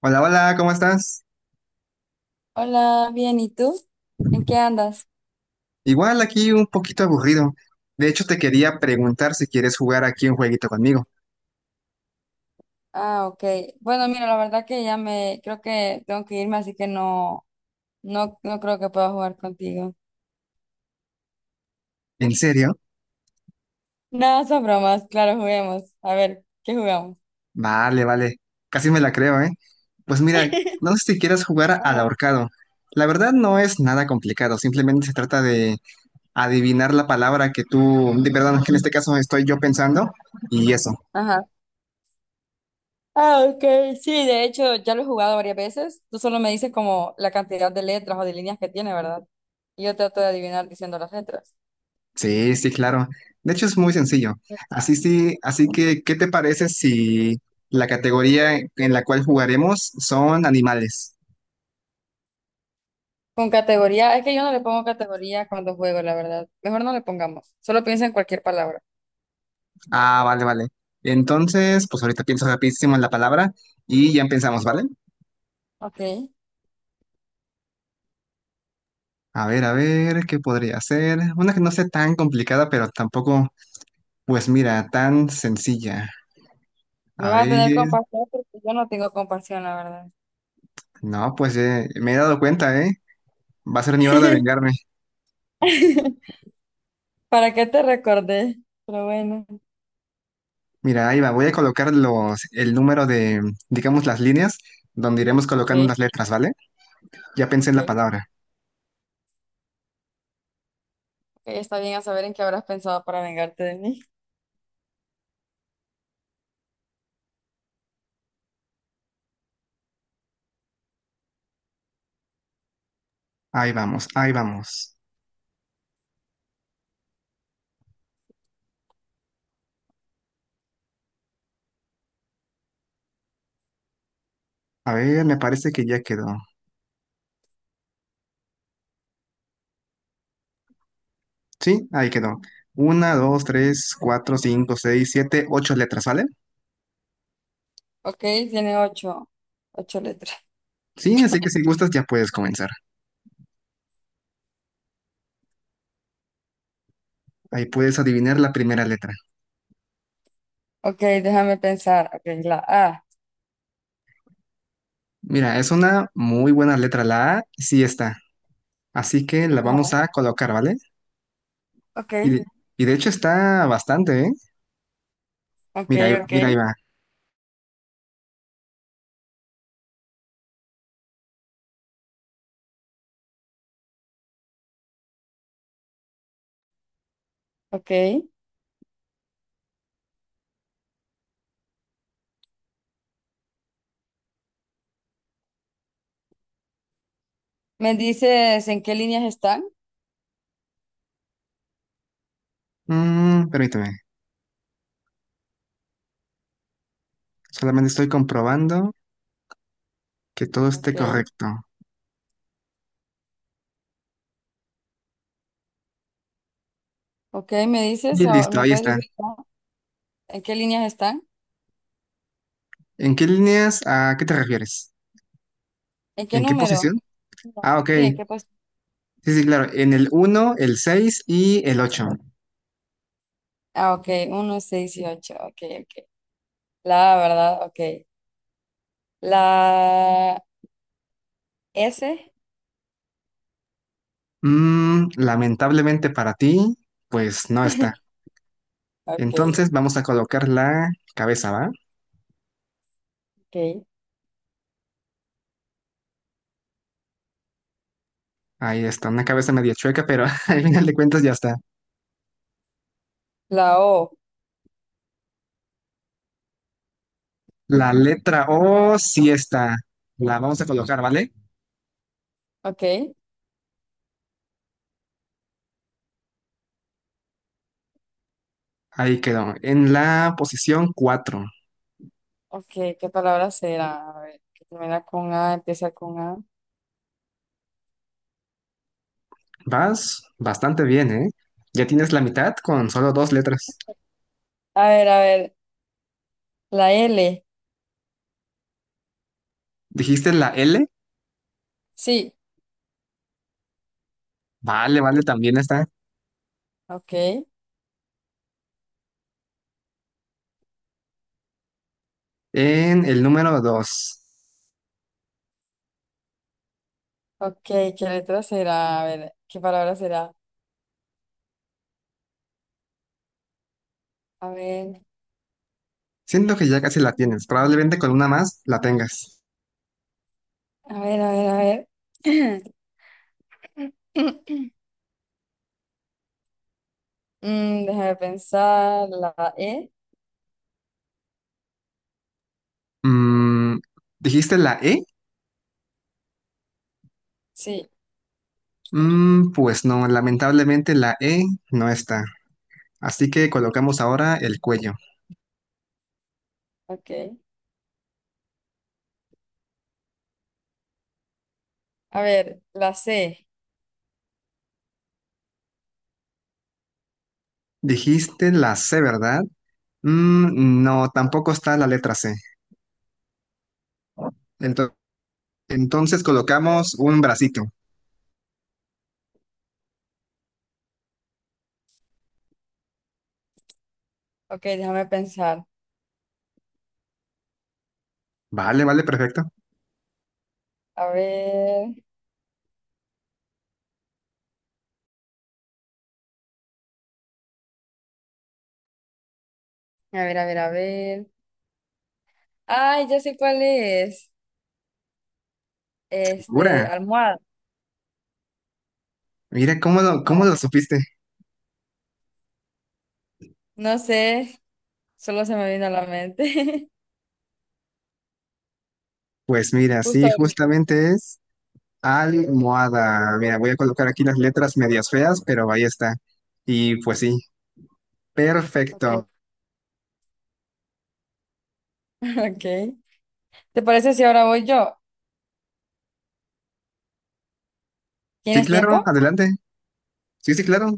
Hola, hola, ¿cómo estás? Hola, bien, ¿y tú? ¿En qué andas? Igual aquí un poquito aburrido. De hecho, te quería preguntar si quieres jugar aquí un jueguito conmigo. Ah, ok. Bueno, mira, la verdad que creo que tengo que irme, así que no, no, no creo que pueda jugar contigo. ¿En serio? No, son bromas, claro, juguemos. A ver, ¿qué jugamos? Vale, vale. Casi me la creo, ¿eh? Pues mira, no sé si quieres jugar al Ajá. ahorcado. La verdad no es nada complicado, simplemente se trata de adivinar la palabra que tú, perdón, que en este caso estoy yo pensando y eso. Ajá. Ah, ok. Sí, de hecho, ya lo he jugado varias veces. Tú solo me dices como la cantidad de letras o de líneas que tiene, ¿verdad? Y yo trato de adivinar diciendo las letras. Sí, sí, claro. De hecho, es muy sencillo. Así sí, así que, ¿qué te parece si la categoría en la cual jugaremos son animales? Con categoría, es que yo no le pongo categoría cuando juego, la verdad. Mejor no le pongamos. Solo piensa en cualquier palabra. Ah, vale, vale. Entonces, pues ahorita pienso rapidísimo en la palabra y ya empezamos, ¿vale? Ok. A ver, ¿qué podría ser? Una que no sea tan complicada, pero tampoco, pues mira, tan sencilla. Me A vas a tener ver, compasión porque yo no tengo compasión, la verdad. no, pues me he dado cuenta, ¿eh? Va a ser mi hora de vengarme. ¿Para qué te recordé? Pero bueno. Mira, ahí va, voy a colocar el número de, digamos, las líneas donde iremos Ok, colocando las letras, ¿vale? Ya pensé en ok. la palabra. Ok, está bien a saber en qué habrás pensado para vengarte de mí. Ahí vamos, ahí vamos. A ver, me parece que ya quedó. Sí, ahí quedó. Una, dos, tres, cuatro, cinco, seis, siete, ocho letras, ¿vale? Ok, tiene ocho, ocho letras. Sí, así que si gustas ya puedes comenzar. Ahí puedes adivinar la primera letra. Ok, déjame pensar. Ok, la A. Mira, es una muy buena letra, la A, sí está. Así que la vamos Ajá. a colocar, ¿vale? Ok, Y de, y de hecho está bastante, ¿eh? ok, Mira, ahí- ok, mira, ahí va. ok. ¿Me dices en qué líneas están? Permíteme. Solamente estoy comprobando que todo esté Ok, correcto. ok, ¿me dices? Y Ahora, listo, ¿me ahí puedes está. decir en qué líneas están? ¿En qué líneas? ¿A qué te refieres? ¿En qué ¿En qué número? posición? No. Ah, ok. Sí, ¿en qué posición? Sí, sí, claro. En el uno el 6 y el ocho. Ah, ok, uno, 6 y ocho. Ok, ok. La verdad, ok. La S. Lamentablemente para ti, pues no está. Ok, Entonces vamos a colocar la cabeza, ¿va? ok. Ahí está, una cabeza medio chueca, pero al final de cuentas ya está. La O. La letra O sí está. La vamos a colocar, ¿vale? Ok, Ahí quedó. En la posición cuatro. ok. ¿Qué palabra será? A ver, que termina con A, empieza con A. Vas bastante bien, ¿eh? Ya tienes la mitad con solo dos letras. A ver, a ver. La L. ¿Dijiste la L? Sí. Vale, vale, también está Ok, en el número dos. ok. ¿Qué letra será? A ver, ¿qué palabra será? A ver, Siento que ya casi la tienes. Probablemente con una más la tengas. a ver, a ver, a ver. Déjame pensar. La E. Mm, ¿Dijiste la E? Sí, Pues no, lamentablemente la E no está. Así que colocamos ahora el cuello. ok. A ver, la C. Dijiste la C, ¿verdad? No, tampoco está la letra C. En- Entonces colocamos un bracito. Ok, déjame pensar. Vale, vale, perfecto. A ver, a ver, a ver, a ver. Ay, ya sé cuál es. Este, Figura. almohada. Mira, ¿cómo lo, cómo No, lo supiste? no sé. Solo se me vino a la mente. Pues mira, Justo sí, ahorita. justamente es almohada. Mira, voy a colocar aquí las letras medias feas, pero ahí está. Y pues sí, Ok, perfecto. ok. ¿Te parece si ahora voy yo? Sí, ¿Tienes claro, tiempo? adelante. Sí, sí, claro.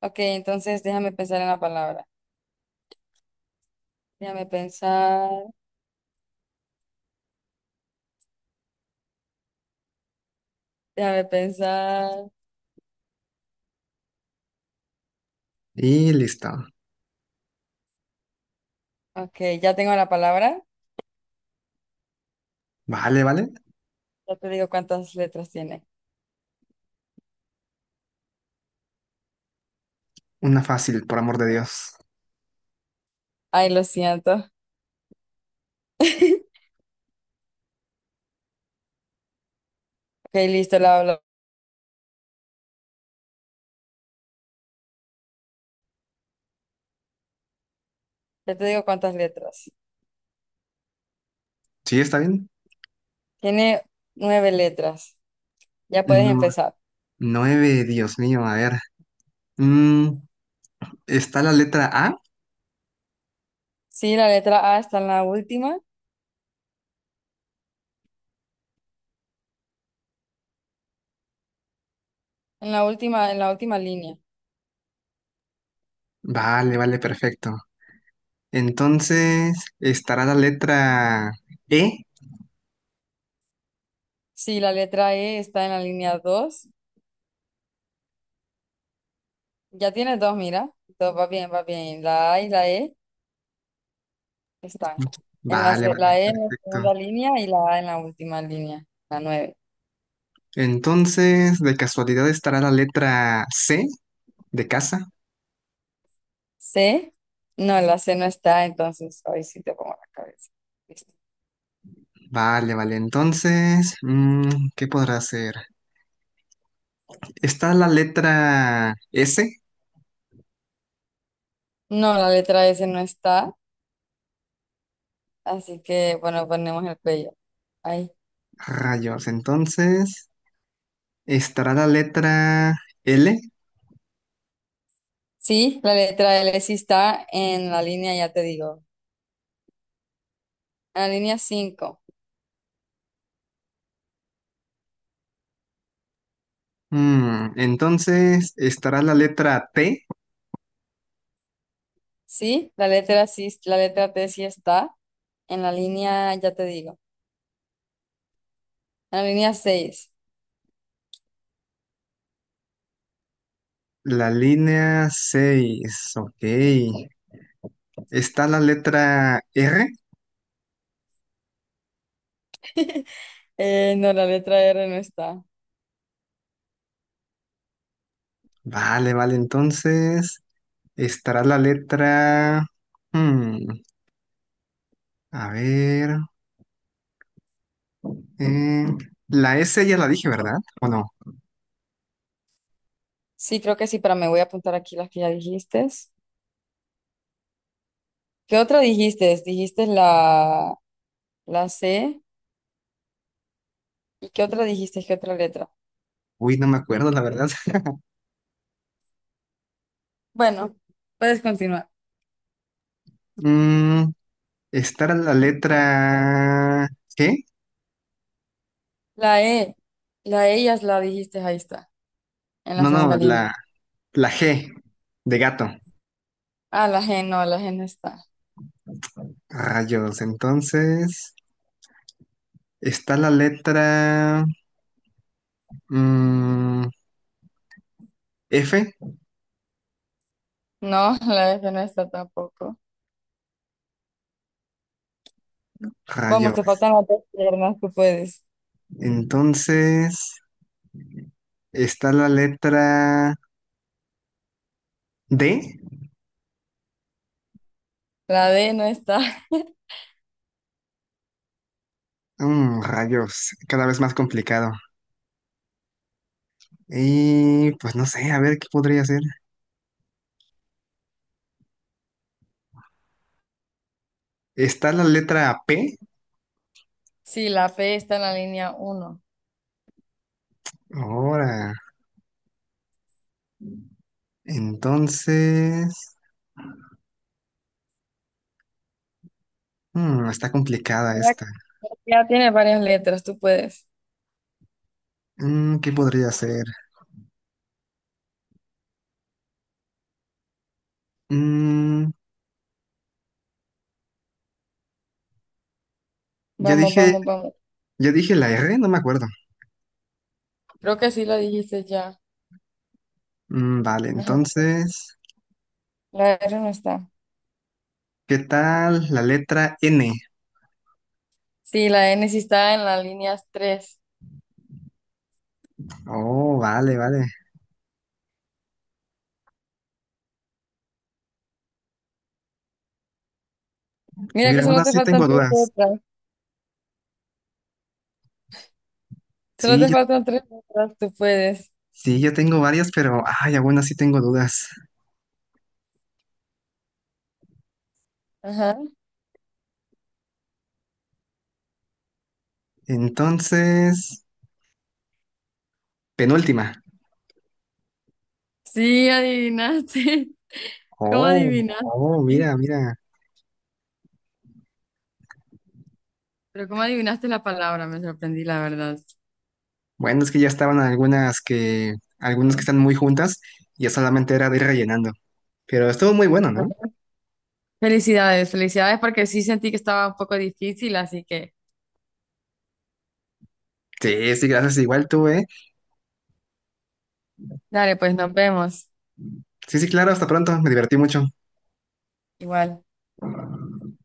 Ok, entonces déjame pensar en la palabra. Déjame pensar, déjame pensar. Y listo. Ok, ya tengo la palabra. Vale, vale. Ya te digo cuántas letras tiene. Una fácil, por amor de Dios. Ay, lo siento. Ok, listo, la ya te digo cuántas letras. ¿Sí está bien? Tiene nueve letras. Ya puedes No, empezar. nueve, Dios mío, a ver. Mm, ¿Está la letra A? Sí, la letra A está en la última, en la última, en la última línea. Vale, vale, perfecto. Entonces, ¿estará la letra E? Sí, la letra E está en la línea dos. Ya tienes dos, mira. Todo va bien, va bien. La A y la E están. En la, Vale, vale, la E en la perfecto. segunda línea y la A en la última línea, la nueve. Entonces, de casualidad estará la letra C de casa. C, no, la C no está, entonces hoy sí te pongo la cabeza. Listo. Vale, vale. Entonces, ¿qué podrá ser? Está la letra S, No, la letra S no está, así que bueno, ponemos el cuello. Ahí. rayos. Entonces, estará la letra L. Sí, la letra L sí está en la línea, ya te digo. En la línea 5. Entonces, estará la letra T, Sí, la letra T sí está en la línea, ya te digo. En la línea 6. la línea 6, ok. Está la letra R. No, la letra R no está. Vale, vale. Entonces, estará la letra, mm, a ver. Mm, la S ya la dije, ¿verdad? ¿O no? Sí, creo que sí, pero me voy a apuntar aquí las que ya dijiste. ¿Qué otra dijiste? Dijiste la, la C. ¿Y qué otra dijiste? ¿Qué otra letra? Uy, no me acuerdo, la verdad. Bueno, puedes continuar. Mm, Estar la letra G. La E. La E ya la dijiste, ahí está, en la No, segunda no, línea. la G de gato. Ah, la G no está. Rayos, entonces está la letra, mm, F. No, la F no está tampoco. Vamos, te Rayos. faltan las dos piernas, tú puedes. Entonces está la letra D. La D no está. Rayos, cada vez más complicado. Y pues no sé, a ver qué podría ser. Está la letra P. Sí, la P está en la línea uno. Ahora, entonces, está complicada Mira, esta. ya tiene varias letras, tú puedes. ¿Qué podría ser? Mm, ya Vamos, dije, vamos, vamos. ya dije la R, no me acuerdo. Creo que sí lo dijiste ya. Vale, Ajá. entonces, La R no está. ¿qué tal la letra N? Sí, la N sí está en la línea tres. Oh, vale, vale. Mira que Mira, aún solo te así faltan tengo tres dudas. letras. Solo Sí, te yo, faltan tres letras, tú puedes. sí, yo tengo varias, pero, ay, aún así tengo dudas. Ajá. Entonces, penúltima. Sí, adivinaste. ¿Cómo Oh, adivinaste? oh, mira, mira. Pero cómo adivinaste la palabra, me sorprendí, la verdad. Bueno, es que ya estaban algunas que, están muy juntas, y ya solamente era de ir rellenando. Pero estuvo muy bueno, Bueno, ¿no? felicidades, felicidades porque sí sentí que estaba un poco difícil, así que Sí, sí, gracias, igual tú, ¿eh? dale, pues nos vemos. Sí, sí, claro, hasta pronto, me divertí mucho. Igual.